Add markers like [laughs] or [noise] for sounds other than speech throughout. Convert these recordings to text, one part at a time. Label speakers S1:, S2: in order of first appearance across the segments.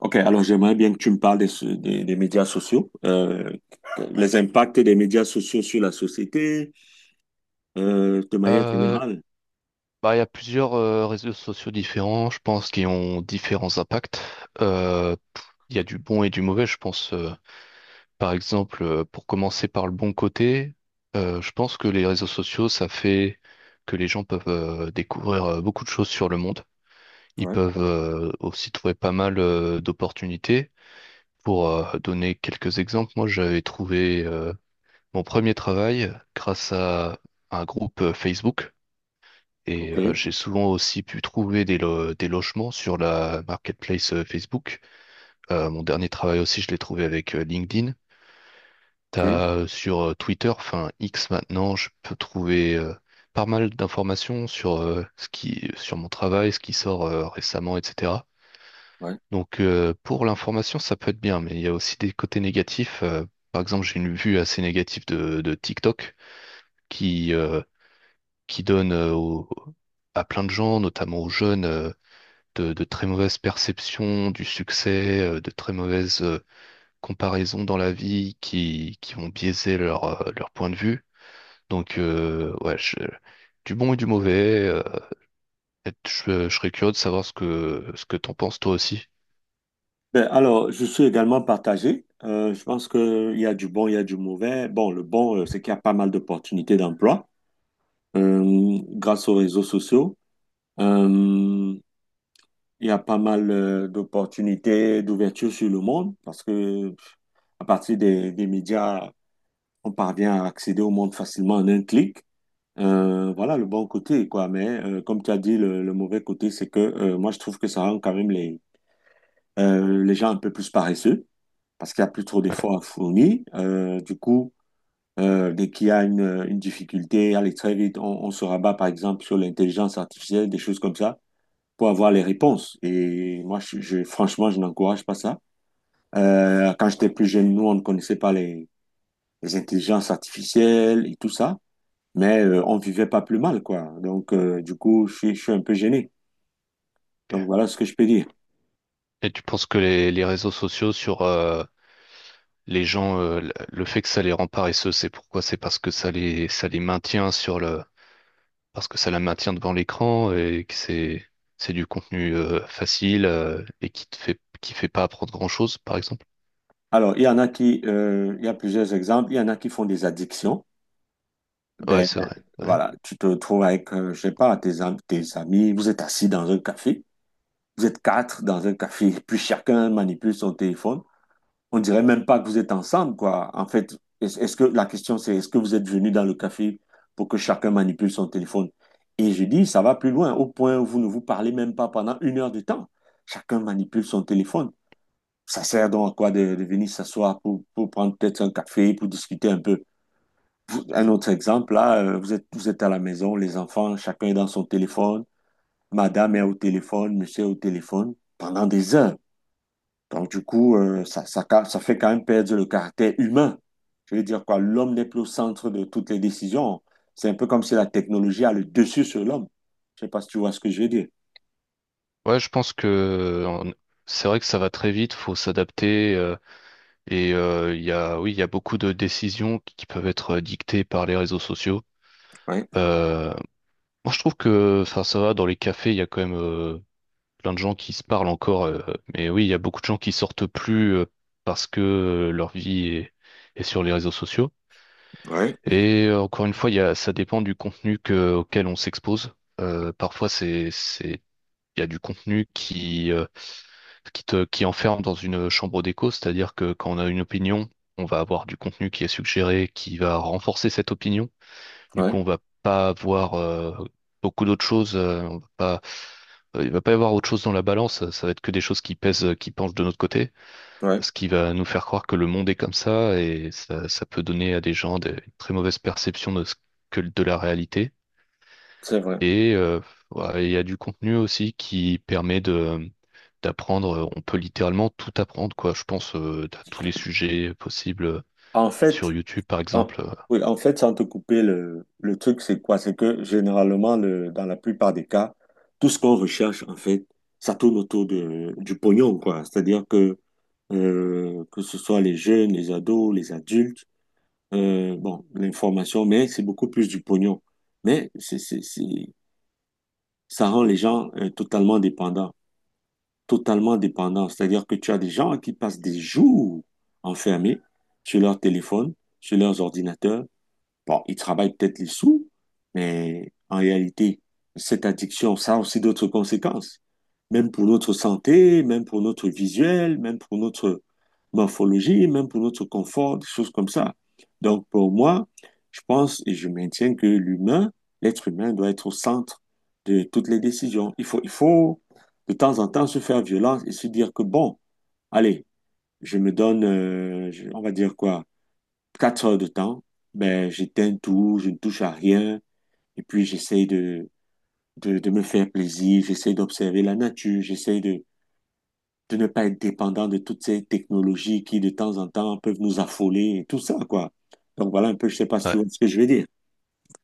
S1: Ok, alors j'aimerais bien que tu me parles des médias sociaux, les impacts des médias sociaux sur la société, de manière
S2: Euh,
S1: générale.
S2: il y a plusieurs réseaux sociaux différents, je pense, qui ont différents impacts. Euh, pff, il y a du bon et du mauvais, je pense. Par exemple, pour commencer par le bon côté, je pense que les réseaux sociaux, ça fait que les gens peuvent découvrir beaucoup de choses sur le monde. Ils
S1: Ouais,
S2: peuvent aussi trouver pas mal d'opportunités. Pour donner quelques exemples, moi, j'avais trouvé mon premier travail grâce à un groupe Facebook.
S1: ok,
S2: J'ai souvent aussi pu trouver des logements sur la marketplace Facebook. Mon dernier travail aussi, je l'ai trouvé avec LinkedIn.
S1: ok,
S2: T'as sur Twitter, enfin X maintenant, je peux trouver pas mal d'informations sur sur mon travail, ce qui sort récemment, etc.
S1: ouais.
S2: Pour l'information, ça peut être bien, mais il y a aussi des côtés négatifs. Par exemple, j'ai une vue assez négative de TikTok qui, euh, qui donne à plein de gens, notamment aux jeunes, de très mauvaises perceptions du succès, de très mauvaises comparaisons dans la vie qui ont biaisé leur, leur point de vue. Donc, euh, ouais, je- du bon et du mauvais. Je serais curieux de savoir ce que t'en penses toi aussi.
S1: Ben, alors, je suis également partagé. Je pense qu'il y a du bon, il y a du mauvais. Bon, le bon, c'est qu'il y a pas mal d'opportunités d'emploi grâce aux réseaux sociaux. Euh, il y a pas mal d'opportunités d'ouverture sur le monde parce que à partir des médias, on parvient à accéder au monde facilement en un clic. Voilà le bon côté, quoi. Mais comme tu as dit, le mauvais côté, c'est que moi, je trouve que ça rend quand même les gens un peu plus paresseux parce qu'il n'y a plus trop
S2: Ouais.
S1: d'efforts à fournir. Du coup, dès qu'il y a une difficulté, allez, très vite, on se rabat, par exemple, sur l'intelligence artificielle, des choses comme ça, pour avoir les réponses. Et moi, franchement, je n'encourage pas ça. Quand j'étais plus jeune, nous, on ne connaissait pas les intelligences artificielles et tout ça. Mais on vivait pas plus mal, quoi. Donc, du coup, je suis un peu gêné. Donc, voilà ce que je peux dire.
S2: Et tu penses que les réseaux sociaux sur les gens, le fait que ça les rend paresseux, c'est pourquoi? C'est parce que ça les maintient sur le, parce que ça la maintient devant l'écran et que c'est du contenu facile qui fait pas apprendre grand-chose, par exemple.
S1: Alors, il y a plusieurs exemples. Il y en a qui font des addictions.
S2: Ouais,
S1: Ben,
S2: c'est vrai. Ouais.
S1: voilà, tu te trouves avec, je sais pas, tes amis, vous êtes assis dans un café. Vous êtes quatre dans un café, puis chacun manipule son téléphone. On dirait même pas que vous êtes ensemble, quoi. En fait, est-ce que la question c'est est-ce que vous êtes venu dans le café pour que chacun manipule son téléphone? Et je dis, ça va plus loin, au point où vous ne vous parlez même pas pendant une heure de temps. Chacun manipule son téléphone. Ça sert donc à quoi de venir s'asseoir pour prendre peut-être un café, pour discuter un peu. Un autre exemple, là, vous êtes à la maison, les enfants, chacun est dans son téléphone, madame est au téléphone, monsieur est au téléphone, pendant des heures. Donc, du coup, ça fait quand même perdre le caractère humain. Je veux dire quoi, l'homme n'est plus au centre de toutes les décisions. C'est un peu comme si la technologie a le dessus sur l'homme. Je sais pas si tu vois ce que je veux dire.
S2: Ouais, je pense que c'est vrai que ça va très vite, faut s'adapter il y a oui, il y a beaucoup de décisions qui peuvent être dictées par les réseaux sociaux.
S1: Oui,
S2: Euh, Moi, je trouve que enfin ça va dans les cafés, il y a quand même plein de gens qui se parlent encore mais oui, il y a beaucoup de gens qui sortent plus parce que est sur les réseaux sociaux.
S1: oui,
S2: Encore une fois, ça dépend du contenu auquel on s'expose. Parfois, il y a du contenu qui enferme dans une chambre d'écho, c'est-à-dire que quand on a une opinion, on va avoir du contenu qui est suggéré, qui va renforcer cette opinion. Du
S1: ouais,
S2: coup, on va pas avoir beaucoup d'autres choses. On va pas, Il va pas y avoir autre chose dans la balance. Ça va être que des choses qui pèsent, qui penchent de notre côté,
S1: ouais,
S2: ce qui va nous faire croire que le monde est comme ça et ça, ça peut donner à des gens des une très mauvaises perceptions de ce que de la réalité.
S1: c'est vrai.
S2: Et euh, ouais, il y a du contenu aussi qui permet de d'apprendre. On peut littéralement tout apprendre, quoi. Je pense à tous les sujets possibles
S1: En
S2: sur
S1: fait,
S2: YouTube, par
S1: en,
S2: exemple.
S1: oui, en fait, sans te couper, le truc, c'est quoi? C'est que généralement, dans la plupart des cas, tout ce qu'on recherche, en fait, ça tourne autour de, du pognon, quoi. C'est-à-dire que ce soit les jeunes, les ados, les adultes, bon, l'information, mais c'est beaucoup plus du pognon. Mais ça rend les gens totalement dépendants, totalement dépendants. C'est-à-dire que tu as des gens qui passent des jours enfermés sur leur téléphone, sur leurs ordinateurs. Bon, il travaille peut-être les sous, mais en réalité, cette addiction, ça a aussi d'autres conséquences. Même pour notre santé, même pour notre visuel, même pour notre morphologie, même pour notre confort, des choses comme ça. Donc, pour moi, je pense et je maintiens que l'être humain doit être au centre de toutes les décisions. Il faut de temps en temps se faire violence et se dire que bon, allez, je me donne, je- on va dire quoi, quatre heures de temps, ben, j'éteins tout, je ne touche à rien, et puis j'essaye de me faire plaisir, j'essaye d'observer la nature, j'essaye de ne pas être dépendant de toutes ces technologies qui, de temps en temps, peuvent nous affoler et tout ça, quoi. Donc voilà un peu, je sais pas si
S2: Ouais,
S1: tu vois ce que je veux dire.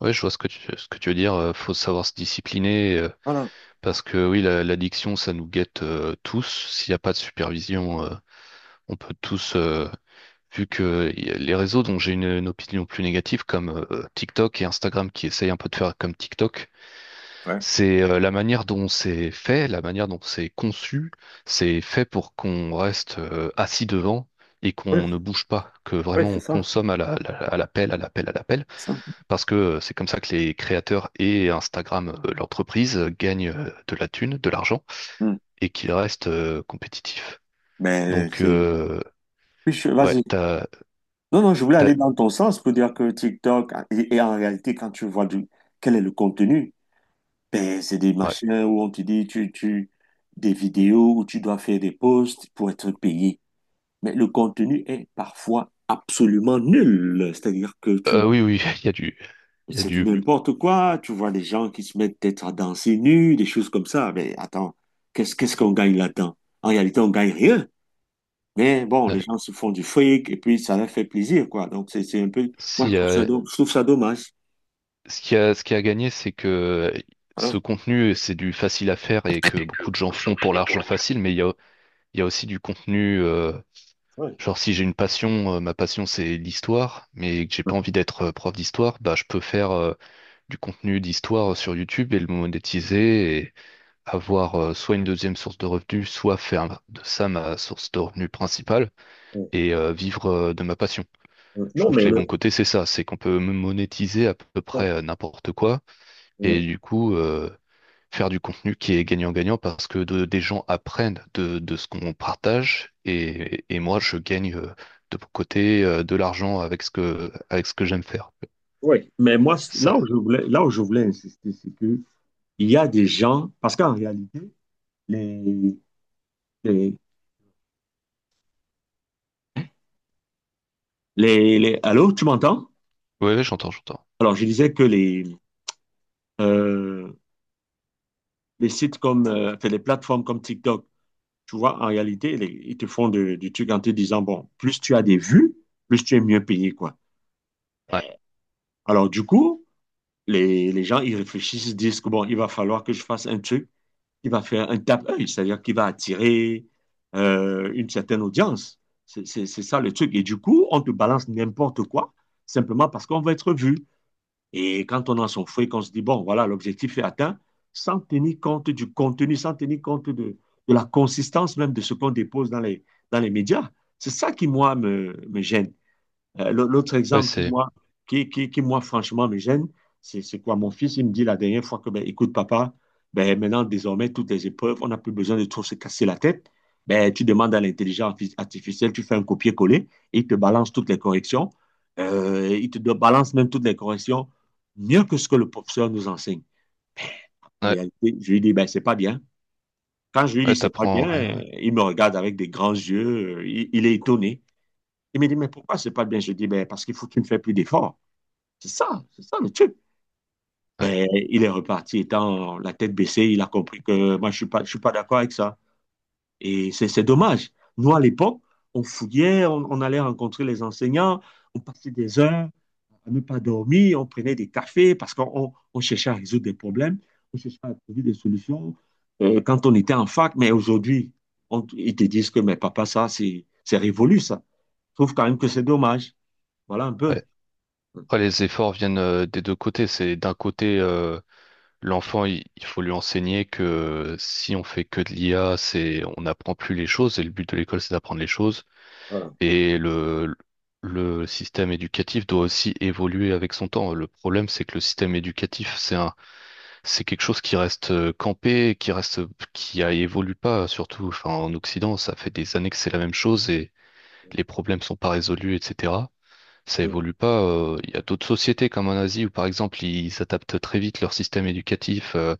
S2: ouais, je vois ce que tu veux dire. Faut savoir se discipliner
S1: Voilà.
S2: parce que oui, l'addiction, ça nous guette tous. S'il n'y a pas de supervision, on peut tous vu que y a les réseaux dont j'ai une opinion plus négative, comme TikTok et Instagram qui essayent un peu de faire comme TikTok,
S1: Ouais.
S2: c'est la manière dont c'est fait, la manière dont c'est conçu, c'est fait pour qu'on reste assis devant et qu'on ne bouge pas, que vraiment on consomme à l'appel, à l'appel, à l'appel,
S1: Ça.
S2: parce que c'est comme ça que les créateurs et Instagram, l'entreprise, gagnent de la thune, de l'argent,
S1: Hmm.
S2: et qu'ils restent compétitifs.
S1: Ben,
S2: Donc,
S1: c'est...
S2: euh, ouais,
S1: Vas-y.
S2: t'as,
S1: Non, non, je voulais aller
S2: t'as-
S1: dans ton sens pour dire que TikTok, et en réalité, quand tu vois quel est le contenu. Ben, c'est des
S2: ouais.
S1: machins où on te dit, des vidéos où tu dois faire des posts pour être payé. Mais le contenu est parfois absolument nul.
S2: Oui, oui, [laughs] il y a du, il y a
S1: C'est du
S2: du.
S1: n'importe quoi. Tu vois des gens qui se mettent peut-être à danser nus, des choses comme ça. Mais attends, qu'est-ce qu'on gagne là-dedans? En réalité, on gagne rien. Mais bon, les
S2: Ouais.
S1: gens se font du fric et puis ça leur fait plaisir, quoi. Donc, c'est un peu, moi,
S2: Si,
S1: je trouve ça dommage.
S2: ce ce qui a gagné, c'est que ce
S1: Voilà.
S2: contenu, c'est du facile à faire et que
S1: Que
S2: beaucoup de gens
S1: beaucoup de gens
S2: font pour
S1: font pour
S2: l'argent
S1: le.
S2: facile, mais il y a aussi du contenu.
S1: Ouais.
S2: Genre, si j'ai une passion, ma passion, c'est l'histoire, mais que j'ai pas envie d'être prof d'histoire, bah, je peux faire du contenu d'histoire sur YouTube et le monétiser et avoir soit une deuxième source de revenus, soit faire de ça ma source de revenus principale
S1: Euh,
S2: vivre de ma passion. Je
S1: Non,
S2: trouve
S1: mais
S2: que les
S1: le-
S2: bons côtés, c'est ça, c'est qu'on peut monétiser à peu près n'importe quoi et
S1: ouais.
S2: faire du contenu qui est gagnant-gagnant parce que des gens apprennent de ce qu'on partage, et moi je gagne de mon côté de l'argent avec ce que j'aime faire.
S1: Oui, mais moi,
S2: Ça,
S1: là où je voulais insister, c'est que il y a des gens, parce qu'en réalité, les, les, Allô, tu m'entends?
S2: ouais, ouais, j'entends, j'entends.
S1: Alors, je disais que les, euh, les plateformes comme TikTok, tu vois, en réalité, ils te font du truc en te disant, bon, plus tu as des vues, plus tu es mieux payé, quoi.
S2: Ouais,
S1: Alors, du coup, les gens, ils réfléchissent, ils disent que, bon, il va falloir que je fasse un truc qui va faire un tape-œil, c'est-à-dire qui va attirer une certaine audience. C'est ça le truc. Et du coup, on te balance n'importe quoi, simplement parce qu'on va être vu. Et quand on a son fouet, qu'on se dit, bon, voilà, l'objectif est atteint, sans tenir compte du contenu, sans tenir compte de la consistance même de ce qu'on dépose dans dans les médias. C'est ça qui, moi, me gêne. L'autre
S2: ouais,
S1: exemple
S2: c'est
S1: qui, moi, franchement, me gêne, c'est quoi? Mon fils, il me dit la dernière fois que, ben, écoute, papa, ben, maintenant, désormais, toutes les épreuves, on n'a plus besoin de trop se casser la tête. Ben, tu demandes à l'intelligence artificielle, tu fais un copier-coller, et il te balance toutes les corrections. Il te balance même toutes les corrections mieux que ce que le professeur nous enseigne. En
S2: ouais,
S1: réalité, je lui dis, ben, c'est pas bien. Quand je lui
S2: ouais,
S1: dis, c'est pas bien,
S2: t'apprends, ouais, ouais,
S1: il me regarde avec des grands yeux, il est étonné. Il me dit, mais pourquoi c'est pas bien? Je dis, ben, parce qu'il faut que tu ne fais plus d'efforts. C'est ça le truc.
S2: ouais.
S1: Mais il est reparti étant la tête baissée, il a compris que moi je suis pas d'accord avec ça. Et c'est dommage. Nous, à l'époque, on fouillait, on allait rencontrer les enseignants, on passait des heures à ne pas dormir, on prenait des cafés parce on cherchait à résoudre des problèmes, on cherchait à trouver des solutions quand on était en fac. Mais aujourd'hui, ils te disent que, mais papa, ça, c'est révolu, ça. Je trouve quand même que c'est dommage. Voilà un peu.
S2: Ouais. Après, les efforts viennent des deux côtés. C'est d'un côté, il faut lui enseigner que si on fait que de l'IA, on n'apprend plus les choses. Et le but de l'école, c'est d'apprendre les choses.
S1: Voilà.
S2: Et le, le système éducatif doit aussi évoluer avec son temps. Le problème, c'est que le système éducatif, c'est quelque chose qui reste campé, qui reste, qui a- évolue pas, surtout, enfin, en Occident, ça fait des années que c'est la même chose et les problèmes sont pas résolus, etc. Ça évolue pas. Il y a d'autres sociétés comme en Asie où, par exemple, ils adaptent très vite leur système éducatif.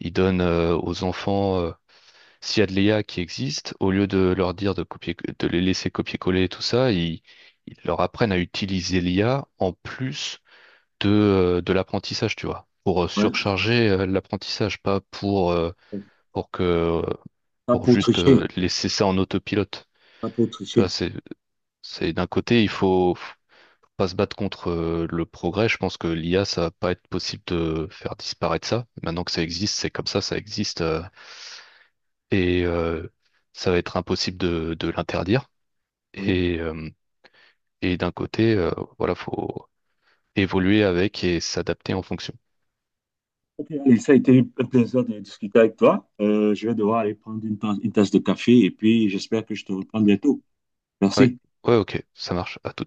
S2: Ils donnent aux enfants, s'il y a de l'IA qui existe, au lieu de leur dire de copier, de les laisser copier-coller et tout ça, ils leur apprennent à utiliser l'IA en plus de l'apprentissage, tu vois, pour
S1: Ouais.
S2: surcharger l'apprentissage, pas pour, pour que,
S1: Pas
S2: pour
S1: pour
S2: juste
S1: tricher,
S2: laisser ça en autopilote.
S1: pas pour
S2: Tu vois,
S1: tricher.
S2: c'est d'un côté, il faut pas se battre contre le progrès. Je pense que l'IA, ça va pas être possible de faire disparaître ça. Maintenant que ça existe, c'est comme ça existe. Et euh, Ça va être impossible de l'interdire.
S1: Ouais.
S2: Et, euh, D'un côté, voilà, faut évoluer avec et s'adapter en fonction.
S1: Ok, allez, ça a été un plaisir de discuter avec toi. Je vais devoir aller prendre une tasse de café et puis j'espère que je te reprends bientôt.
S2: Oui,
S1: Merci.
S2: ouais, ok, ça marche. À tout